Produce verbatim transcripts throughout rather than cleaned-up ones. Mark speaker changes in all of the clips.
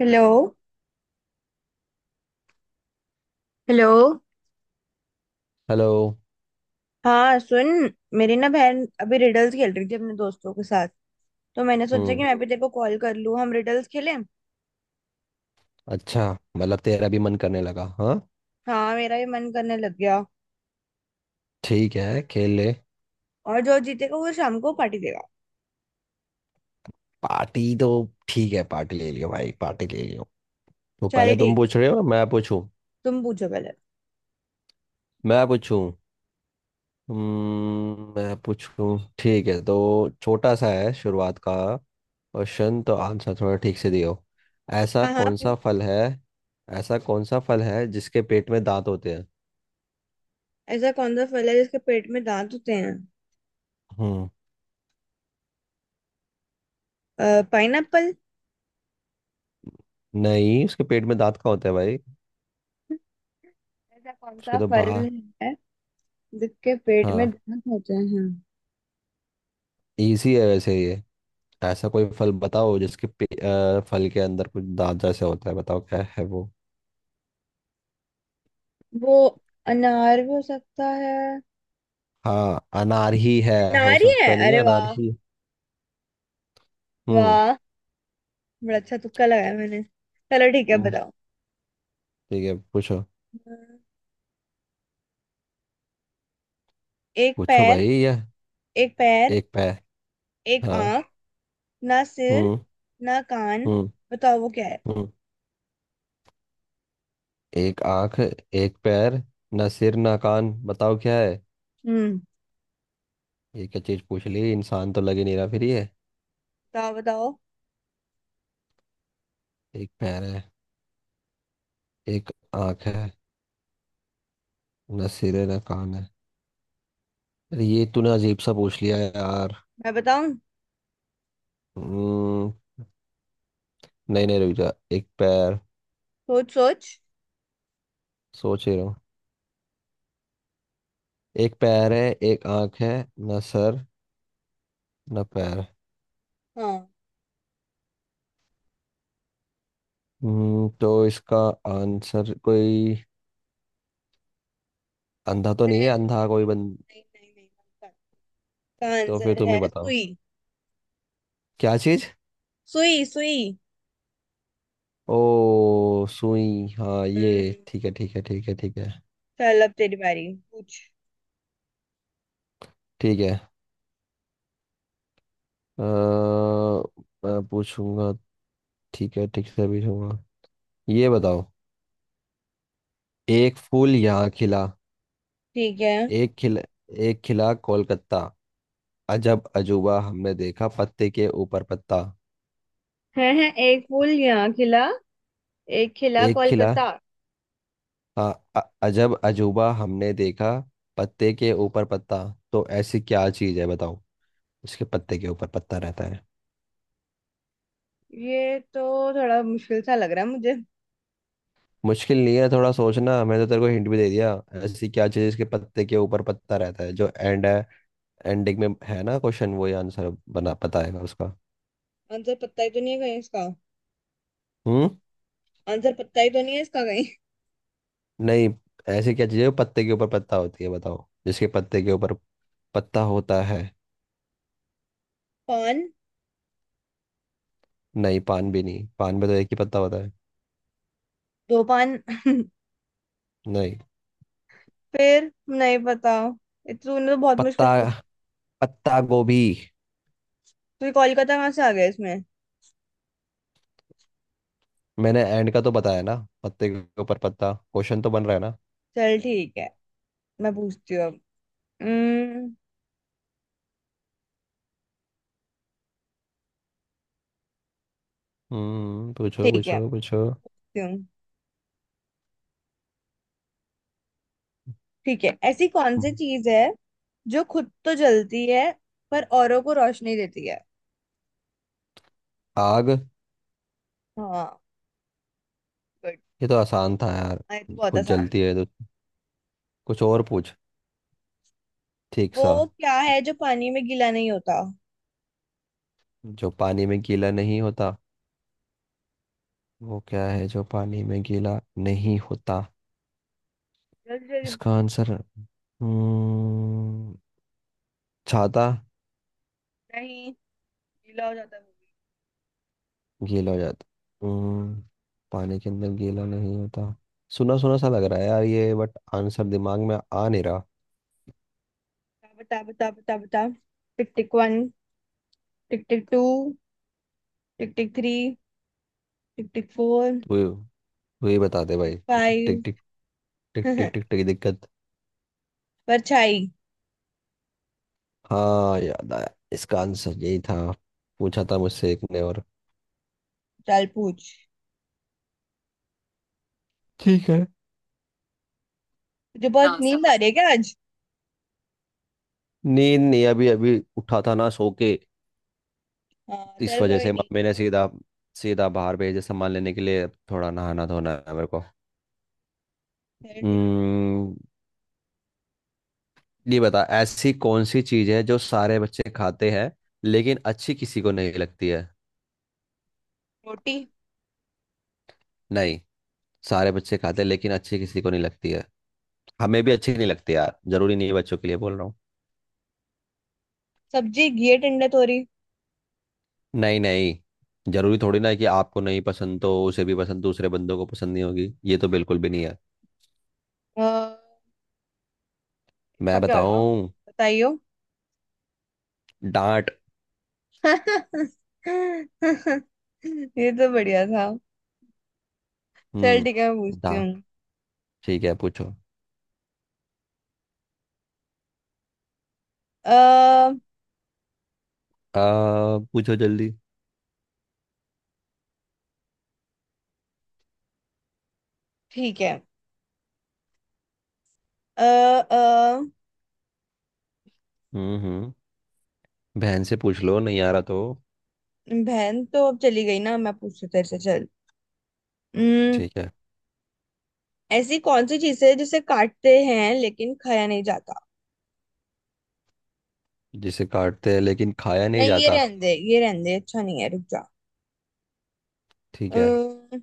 Speaker 1: Hello. Hello.
Speaker 2: Hello.
Speaker 1: हाँ सुन। मेरी ना बहन अभी रिडल्स खेल रही थी अपने दोस्तों के साथ। तो मैंने सोचा कि
Speaker 2: हम्म।
Speaker 1: मैं भी तेरे को कॉल कर लूँ हम रिडल्स खेलें।
Speaker 2: अच्छा। मतलब तेरा भी मन करने लगा हाँ।
Speaker 1: हाँ मेरा भी मन करने लग गया।
Speaker 2: ठीक है, खेल ले।
Speaker 1: और जो जीतेगा वो शाम को पार्टी देगा।
Speaker 2: पार्टी तो ठीक है, पार्टी ले लियो भाई, पार्टी ले लियो। तो
Speaker 1: चल
Speaker 2: पहले तुम
Speaker 1: ठीक।
Speaker 2: पूछ रहे हो, मैं पूछूं?
Speaker 1: तुम पूछो पहले।
Speaker 2: मैं पूछूं? हम्म, मैं पूछूं। ठीक है, तो छोटा सा है शुरुआत का क्वेश्चन, तो आंसर थोड़ा ठीक से दियो। ऐसा
Speaker 1: हाँ हाँ
Speaker 2: कौन सा
Speaker 1: पूछ।
Speaker 2: फल है? ऐसा कौन सा फल है जिसके पेट में दांत होते हैं?
Speaker 1: ऐसा कौन सा फल है जिसके पेट में दांत होते हैं?
Speaker 2: हम्म।
Speaker 1: पाइनएप्पल।
Speaker 2: नहीं, उसके पेट में दांत कहाँ होते हैं भाई।
Speaker 1: ऐसा कौन सा
Speaker 2: उसके तो
Speaker 1: फल
Speaker 2: बाहर।
Speaker 1: है जिसके पेट में
Speaker 2: हाँ।
Speaker 1: दांत होते हैं।
Speaker 2: इजी है वैसे ये। ऐसा कोई फल बताओ जिसके पे, अ, फल के अंदर कुछ दाग जैसे होता है, बताओ क्या है वो।
Speaker 1: वो अनार भी हो सकता है।
Speaker 2: हाँ, अनार ही है। हो
Speaker 1: अनार ही है।
Speaker 2: सकता नहीं है,
Speaker 1: अरे
Speaker 2: अनार
Speaker 1: वाह।
Speaker 2: ही। हम्म।
Speaker 1: वाह। बड़ा अच्छा तुक्का लगाया मैंने। चलो ठीक है
Speaker 2: हम्म,
Speaker 1: बताओ।
Speaker 2: ठीक है, पूछो।
Speaker 1: अ, एक
Speaker 2: पूछो
Speaker 1: पैर
Speaker 2: भाई, ये।
Speaker 1: एक पैर
Speaker 2: एक पैर।
Speaker 1: एक
Speaker 2: हाँ।
Speaker 1: आंख ना सिर
Speaker 2: हम्म।
Speaker 1: ना कान
Speaker 2: हम्म।
Speaker 1: बताओ वो क्या है?
Speaker 2: हम्म। एक आंख, एक पैर, ना सिर, ना कान, बताओ क्या है?
Speaker 1: हम्म।
Speaker 2: ये क्या चीज पूछ ली, इंसान तो लग ही नहीं रहा फिर ये।
Speaker 1: बताओ बताओ।
Speaker 2: एक पैर है, एक आंख है, ना सिर है, ना कान है। अरे ये तूने अजीब सा पूछ लिया है यार।
Speaker 1: मैं बताऊं?
Speaker 2: हम्म। नहीं, नहीं, रुक जा। एक पैर।
Speaker 1: सोच सोच।
Speaker 2: सोच ही रहा हूँ। एक पैर है, एक आंख है, ना सर, ना पैर।
Speaker 1: हाँ।
Speaker 2: हम्म तो इसका आंसर कोई अंधा तो नहीं
Speaker 1: रहने
Speaker 2: है?
Speaker 1: दे
Speaker 2: अंधा कोई
Speaker 1: यार।
Speaker 2: बंद।
Speaker 1: नहीं नहीं नहीं इसका इसका
Speaker 2: तो फिर
Speaker 1: आंसर
Speaker 2: तुम ही
Speaker 1: है
Speaker 2: बताओ,
Speaker 1: सुई।
Speaker 2: क्या चीज?
Speaker 1: सुई सुई।
Speaker 2: ओ, सुई। हाँ, ये
Speaker 1: हम्म।
Speaker 2: ठीक है, ठीक है, ठीक है, ठीक है,
Speaker 1: चल अब तेरी बारी पूछ।
Speaker 2: ठीक है। अ, मैं पूछूंगा। ठीक है, ठीक से पूछूंगा। ये बताओ। एक फूल यहाँ खिला,
Speaker 1: ठीक है।
Speaker 2: एक खिला, एक खिला कोलकाता, अजब अजूबा हमने देखा, पत्ते के ऊपर पत्ता।
Speaker 1: है है एक फूल यहाँ खिला एक खिला
Speaker 2: एक खिला।
Speaker 1: कोलकाता।
Speaker 2: हाँ, अ- अजब अजूबा हमने देखा, पत्ते के ऊपर पत्ता। तो ऐसी क्या चीज है बताओ, उसके पत्ते के ऊपर पत्ता रहता है।
Speaker 1: ये तो थोड़ा मुश्किल सा लग रहा है मुझे।
Speaker 2: मुश्किल नहीं है, थोड़ा सोचना, मैंने तो तेरे को हिंट भी दे दिया। ऐसी क्या चीज है इसके पत्ते के ऊपर पत्ता रहता है, जो एंड है, एंडिंग में है ना क्वेश्चन, वो ही आंसर बना बताएगा उसका।
Speaker 1: आंसर पता ही तो नहीं है कहीं इसका।
Speaker 2: हम्म।
Speaker 1: आंसर पता ही तो नहीं है इसका कहीं।
Speaker 2: नहीं। ऐसी क्या चीज है जो पत्ते के ऊपर पत्ता होती है, बताओ, जिसके पत्ते के ऊपर पत्ता होता है।
Speaker 1: पान।
Speaker 2: नहीं, पान भी नहीं, पान में तो एक ही पत्ता होता है।
Speaker 1: दो पान
Speaker 2: नहीं।
Speaker 1: फिर नहीं पता। ये तो तूने तो बहुत मुश्किल
Speaker 2: पत्ता,
Speaker 1: पूछ।
Speaker 2: पत्ता गोभी।
Speaker 1: तू कोलकाता कहाँ से आ गया इसमें?
Speaker 2: मैंने एंड का तो बताया ना, पत्ते के ऊपर पत्ता, क्वेश्चन तो बन रहा है ना।
Speaker 1: चल ठीक है मैं पूछती हूँ अब। हम्म।
Speaker 2: हम्म पूछो,
Speaker 1: ठीक है।
Speaker 2: पूछो, पूछो।
Speaker 1: क्यों? ठीक है ऐसी कौन सी चीज है जो खुद तो जलती है पर औरों को रोशनी देती है?
Speaker 2: आग।
Speaker 1: हाँ। गुड।
Speaker 2: ये तो आसान था यार।
Speaker 1: आई तो बहुत
Speaker 2: कुछ
Speaker 1: आसान
Speaker 2: जलती
Speaker 1: था।
Speaker 2: है तो, कुछ और पूछ ठीक सा।
Speaker 1: वो क्या है जो पानी में गीला नहीं होता?
Speaker 2: जो पानी में गीला नहीं होता, वो क्या है जो पानी में गीला नहीं होता?
Speaker 1: जल्दी जल्दी
Speaker 2: इसका
Speaker 1: बता।
Speaker 2: आंसर हम्म छाता।
Speaker 1: नहीं। गीला हो जाता है वो।
Speaker 2: गीला हो जाता, हम्म पानी के अंदर गीला नहीं होता। सुना सुना सा लग रहा है यार ये, बट आंसर दिमाग में आ नहीं रहा।
Speaker 1: बता बता बता बता। Tick tick one tick tick two tick tick three tick tick four
Speaker 2: तो वही बताते
Speaker 1: टिक
Speaker 2: भाई। टिक टिक
Speaker 1: फाइव।
Speaker 2: टिक टिक टिक टिक टिक दिक्कत।
Speaker 1: परछाई।
Speaker 2: हाँ, याद आया। इसका आंसर यही था, पूछा था मुझसे एक ने और।
Speaker 1: चल पूछ।
Speaker 2: ठीक है।
Speaker 1: तुझे बहुत नींद आ रही है क्या आज?
Speaker 2: नींद नहीं, अभी अभी उठा था ना सो के।
Speaker 1: हाँ
Speaker 2: इस
Speaker 1: चल
Speaker 2: वजह
Speaker 1: कोई
Speaker 2: से
Speaker 1: नहीं।
Speaker 2: मम्मी ने सीधा सीधा बाहर भेजे सामान लेने के लिए, अब थोड़ा नहाना धोना है मेरे को।
Speaker 1: चल ठीक है।
Speaker 2: हम्म, ये बता, ऐसी कौन सी चीज है जो सारे बच्चे खाते हैं लेकिन अच्छी किसी को नहीं लगती है?
Speaker 1: रोटी।
Speaker 2: नहीं। सारे बच्चे खाते हैं लेकिन अच्छी किसी को नहीं लगती है। हमें भी अच्छी नहीं लगती यार, जरूरी नहीं है बच्चों के लिए बोल रहा हूँ।
Speaker 1: सब्जी घी टंडे तोरी।
Speaker 2: नहीं, नहीं, जरूरी थोड़ी ना है कि आपको नहीं पसंद तो उसे भी पसंद, दूसरे बंदों को पसंद नहीं होगी, ये तो बिल्कुल भी नहीं है।
Speaker 1: अ,
Speaker 2: मैं
Speaker 1: इसका क्या होगा?
Speaker 2: बताऊं?
Speaker 1: बताइयो।
Speaker 2: डांट।
Speaker 1: ये तो बढ़िया था। चल ठीक है मैं
Speaker 2: हम्म,
Speaker 1: पूछती
Speaker 2: डांट।
Speaker 1: हूँ।
Speaker 2: ठीक है, पूछो।
Speaker 1: अ
Speaker 2: आ, पूछो जल्दी।
Speaker 1: ठीक है। अ अ,
Speaker 2: हम्म, हम्म। बहन से पूछ लो, नहीं आ रहा तो।
Speaker 1: बहन तो अब चली गई ना मैं पूछती हूँ तेरे से चल। हम्म।
Speaker 2: ठीक है।
Speaker 1: ऐसी कौन सी चीज है जिसे काटते हैं लेकिन खाया नहीं जाता?
Speaker 2: जिसे काटते हैं लेकिन खाया नहीं
Speaker 1: नहीं ये
Speaker 2: जाता।
Speaker 1: रहने दे ये रहने दे अच्छा नहीं है रुक जा।
Speaker 2: ठीक है।
Speaker 1: अम्म,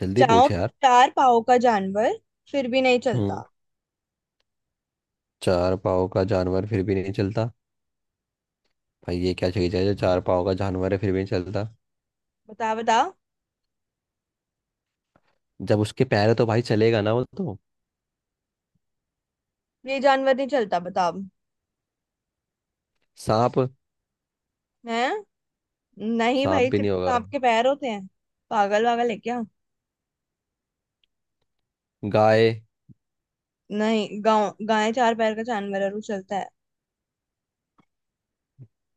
Speaker 2: जल्दी
Speaker 1: चार
Speaker 2: पूछ यार।
Speaker 1: चार पाँव का जानवर फिर भी नहीं चलता।
Speaker 2: हम्म चार पाँव का जानवर फिर भी नहीं चलता। भाई ये क्या चीज है जो चार पाँव का जानवर है, फिर भी नहीं चलता?
Speaker 1: बता बता।
Speaker 2: जब उसके पैर है तो भाई चलेगा ना वो तो।
Speaker 1: ये जानवर नहीं चलता बताओ।
Speaker 2: सांप।
Speaker 1: है। नहीं
Speaker 2: सांप
Speaker 1: भाई
Speaker 2: भी नहीं
Speaker 1: सिर्फ
Speaker 2: होगा।
Speaker 1: आपके पैर होते हैं। पागल वागल है क्या?
Speaker 2: गाय।
Speaker 1: नहीं गाँव गाय चार पैर का जानवर है और वो चलता है।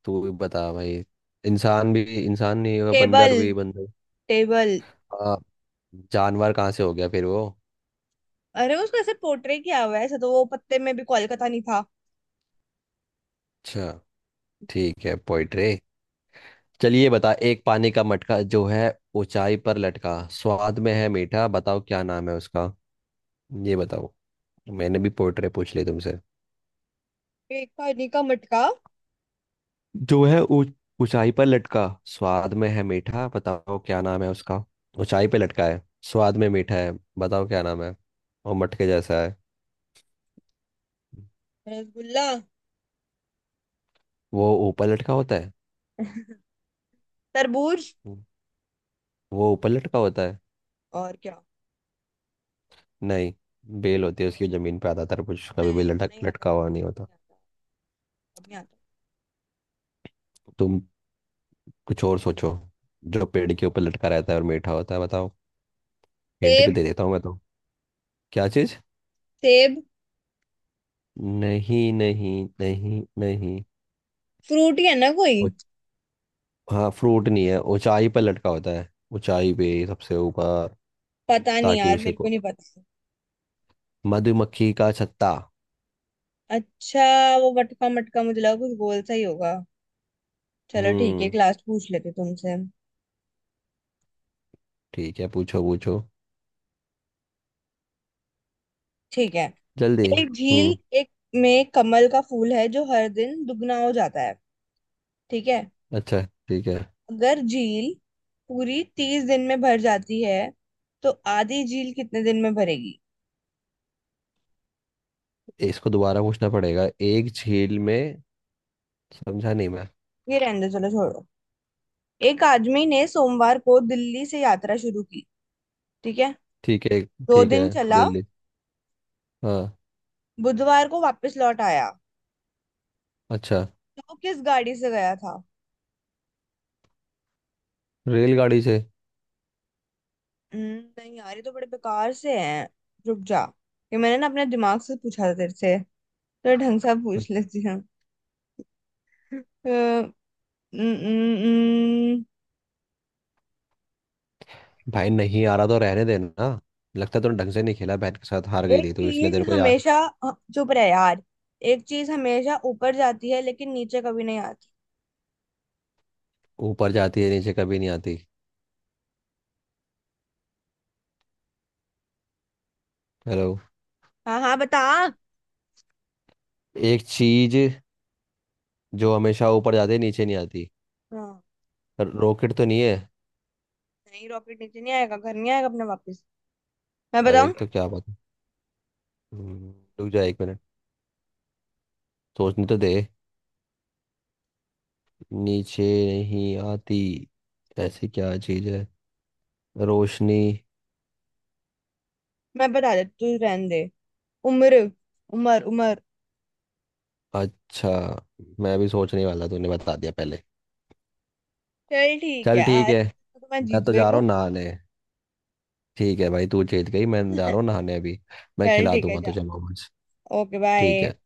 Speaker 2: तू भी बता भाई। इंसान भी, इंसान नहीं होगा,
Speaker 1: टेबल।
Speaker 2: बंदर भी, बंदर।
Speaker 1: टेबल।
Speaker 2: हाँ। जानवर कहाँ से हो गया फिर वो?
Speaker 1: अरे उसको ऐसे पोर्ट्रे किया हुआ है ऐसा तो वो पत्ते में भी कोलकाता नहीं था।
Speaker 2: अच्छा, ठीक है, पोइट्री। चलिए, बता, एक पानी का मटका जो है ऊंचाई पर लटका, स्वाद में है मीठा, बताओ क्या नाम है उसका। ये बताओ, मैंने भी पोइट्री पूछ ली तुमसे।
Speaker 1: एक पानी का मटका।
Speaker 2: जो है ऊंच- ऊंचाई पर लटका, स्वाद में है मीठा, बताओ क्या नाम है उसका। ऊंचाई पे लटका है, स्वाद में मीठा है, बताओ क्या नाम है। और मटके जैसा है।
Speaker 1: रसगुल्ला।
Speaker 2: वो ऊपर लटका होता है।
Speaker 1: तरबूज।
Speaker 2: वो ऊपर लटका होता है।
Speaker 1: और क्या?
Speaker 2: नहीं, बेल होती है उसकी, जमीन पे आता तरबूज, कभी भी
Speaker 1: नहीं वो नहीं
Speaker 2: लटक
Speaker 1: आता
Speaker 2: लटका
Speaker 1: समझ
Speaker 2: हुआ नहीं होता।
Speaker 1: नहीं आता। अब नहीं आता।
Speaker 2: तुम कुछ और सोचो, जो पेड़ के ऊपर लटका रहता है और मीठा होता है, बताओ। हिंट भी
Speaker 1: सेब।
Speaker 2: दे देता हूँ मैं तो। क्या चीज?
Speaker 1: सेब।
Speaker 2: नहीं, नहीं, नहीं, नहीं।
Speaker 1: फ्रूट ही है ना कोई?
Speaker 2: वो- हाँ, फ्रूट नहीं है, ऊंचाई पर लटका होता है, ऊंचाई पे सबसे ऊपर।
Speaker 1: पता नहीं
Speaker 2: ताकि
Speaker 1: यार
Speaker 2: उसे
Speaker 1: मेरे को
Speaker 2: को,
Speaker 1: नहीं पता।
Speaker 2: मधुमक्खी का छत्ता।
Speaker 1: अच्छा वो मटका मटका मुझे लगा कुछ गोल सा ही होगा। चलो ठीक है एक
Speaker 2: हम्म।
Speaker 1: लास्ट पूछ लेते तुमसे।
Speaker 2: ठीक है, पूछो, पूछो
Speaker 1: ठीक है।
Speaker 2: जल्दी।
Speaker 1: एक झील
Speaker 2: हम्म।
Speaker 1: एक में कमल का फूल है जो हर दिन दुगना हो जाता है। ठीक है।
Speaker 2: अच्छा। ठीक है।
Speaker 1: अगर झील पूरी तीस दिन में भर जाती है तो आधी झील कितने दिन में भरेगी?
Speaker 2: इसको दोबारा पूछना पड़ेगा, एक झील में समझा नहीं मैं।
Speaker 1: ये रहने दो चलो छोड़ो। एक आदमी ने सोमवार को दिल्ली से यात्रा शुरू की। ठीक है।
Speaker 2: ठीक है।
Speaker 1: दो
Speaker 2: ठीक है,
Speaker 1: दिन चला।
Speaker 2: दिल्ली, हाँ।
Speaker 1: बुधवार को वापस लौट आया।
Speaker 2: अच्छा।
Speaker 1: तो वो किस गाड़ी से गया था?
Speaker 2: रेलगाड़ी से।
Speaker 1: हम्म, नहीं यार ये तो बड़े बेकार से हैं। रुक जा। ये मैंने ना अपने दिमाग से पूछा था तेरे से तो ढंग से पूछ लेती हूँ। अ, न- न- न-
Speaker 2: भाई, नहीं आ रहा तो रहने देना। लगता है तूने ढंग से नहीं खेला बहन के साथ, हार गई
Speaker 1: एक
Speaker 2: थी तो इसलिए
Speaker 1: चीज
Speaker 2: तेरे को याद।
Speaker 1: हमेशा अ, चुप रहे यार। एक चीज हमेशा ऊपर जाती है लेकिन नीचे कभी नहीं आती।
Speaker 2: ऊपर जाती है नीचे कभी नहीं आती। हेलो।
Speaker 1: हाँ हाँ बता।
Speaker 2: एक चीज जो हमेशा ऊपर जाती है, नीचे नहीं आती।
Speaker 1: हाँ।
Speaker 2: रॉकेट तो नहीं है?
Speaker 1: नहीं रॉकेट नीचे नहीं आएगा घर नहीं आएगा अपने वापस। मैं
Speaker 2: अरे,
Speaker 1: बताऊं?
Speaker 2: तो क्या बात है। हम्म, रुक जा एक मिनट, सोचने तो दे। नीचे नहीं आती, ऐसी क्या चीज है? रोशनी।
Speaker 1: मैं बता देती तू रहने दे। उम्र। उमर उमर।
Speaker 2: अच्छा, मैं भी सोचने वाला, तूने बता दिया पहले।
Speaker 1: चल ठीक
Speaker 2: चल
Speaker 1: है
Speaker 2: ठीक
Speaker 1: आज
Speaker 2: है,
Speaker 1: तो मैं
Speaker 2: मैं
Speaker 1: जीत
Speaker 2: तो जा
Speaker 1: गई
Speaker 2: रहा
Speaker 1: हूँ।
Speaker 2: हूँ नहाने। ठीक है भाई, तू जीत गई, मैं जा रहा हूँ नहाने अभी। मैं
Speaker 1: चल
Speaker 2: खिला
Speaker 1: ठीक है
Speaker 2: दूंगा
Speaker 1: जा।
Speaker 2: तुझे मोमोज।
Speaker 1: Okay bye.
Speaker 2: ठीक है।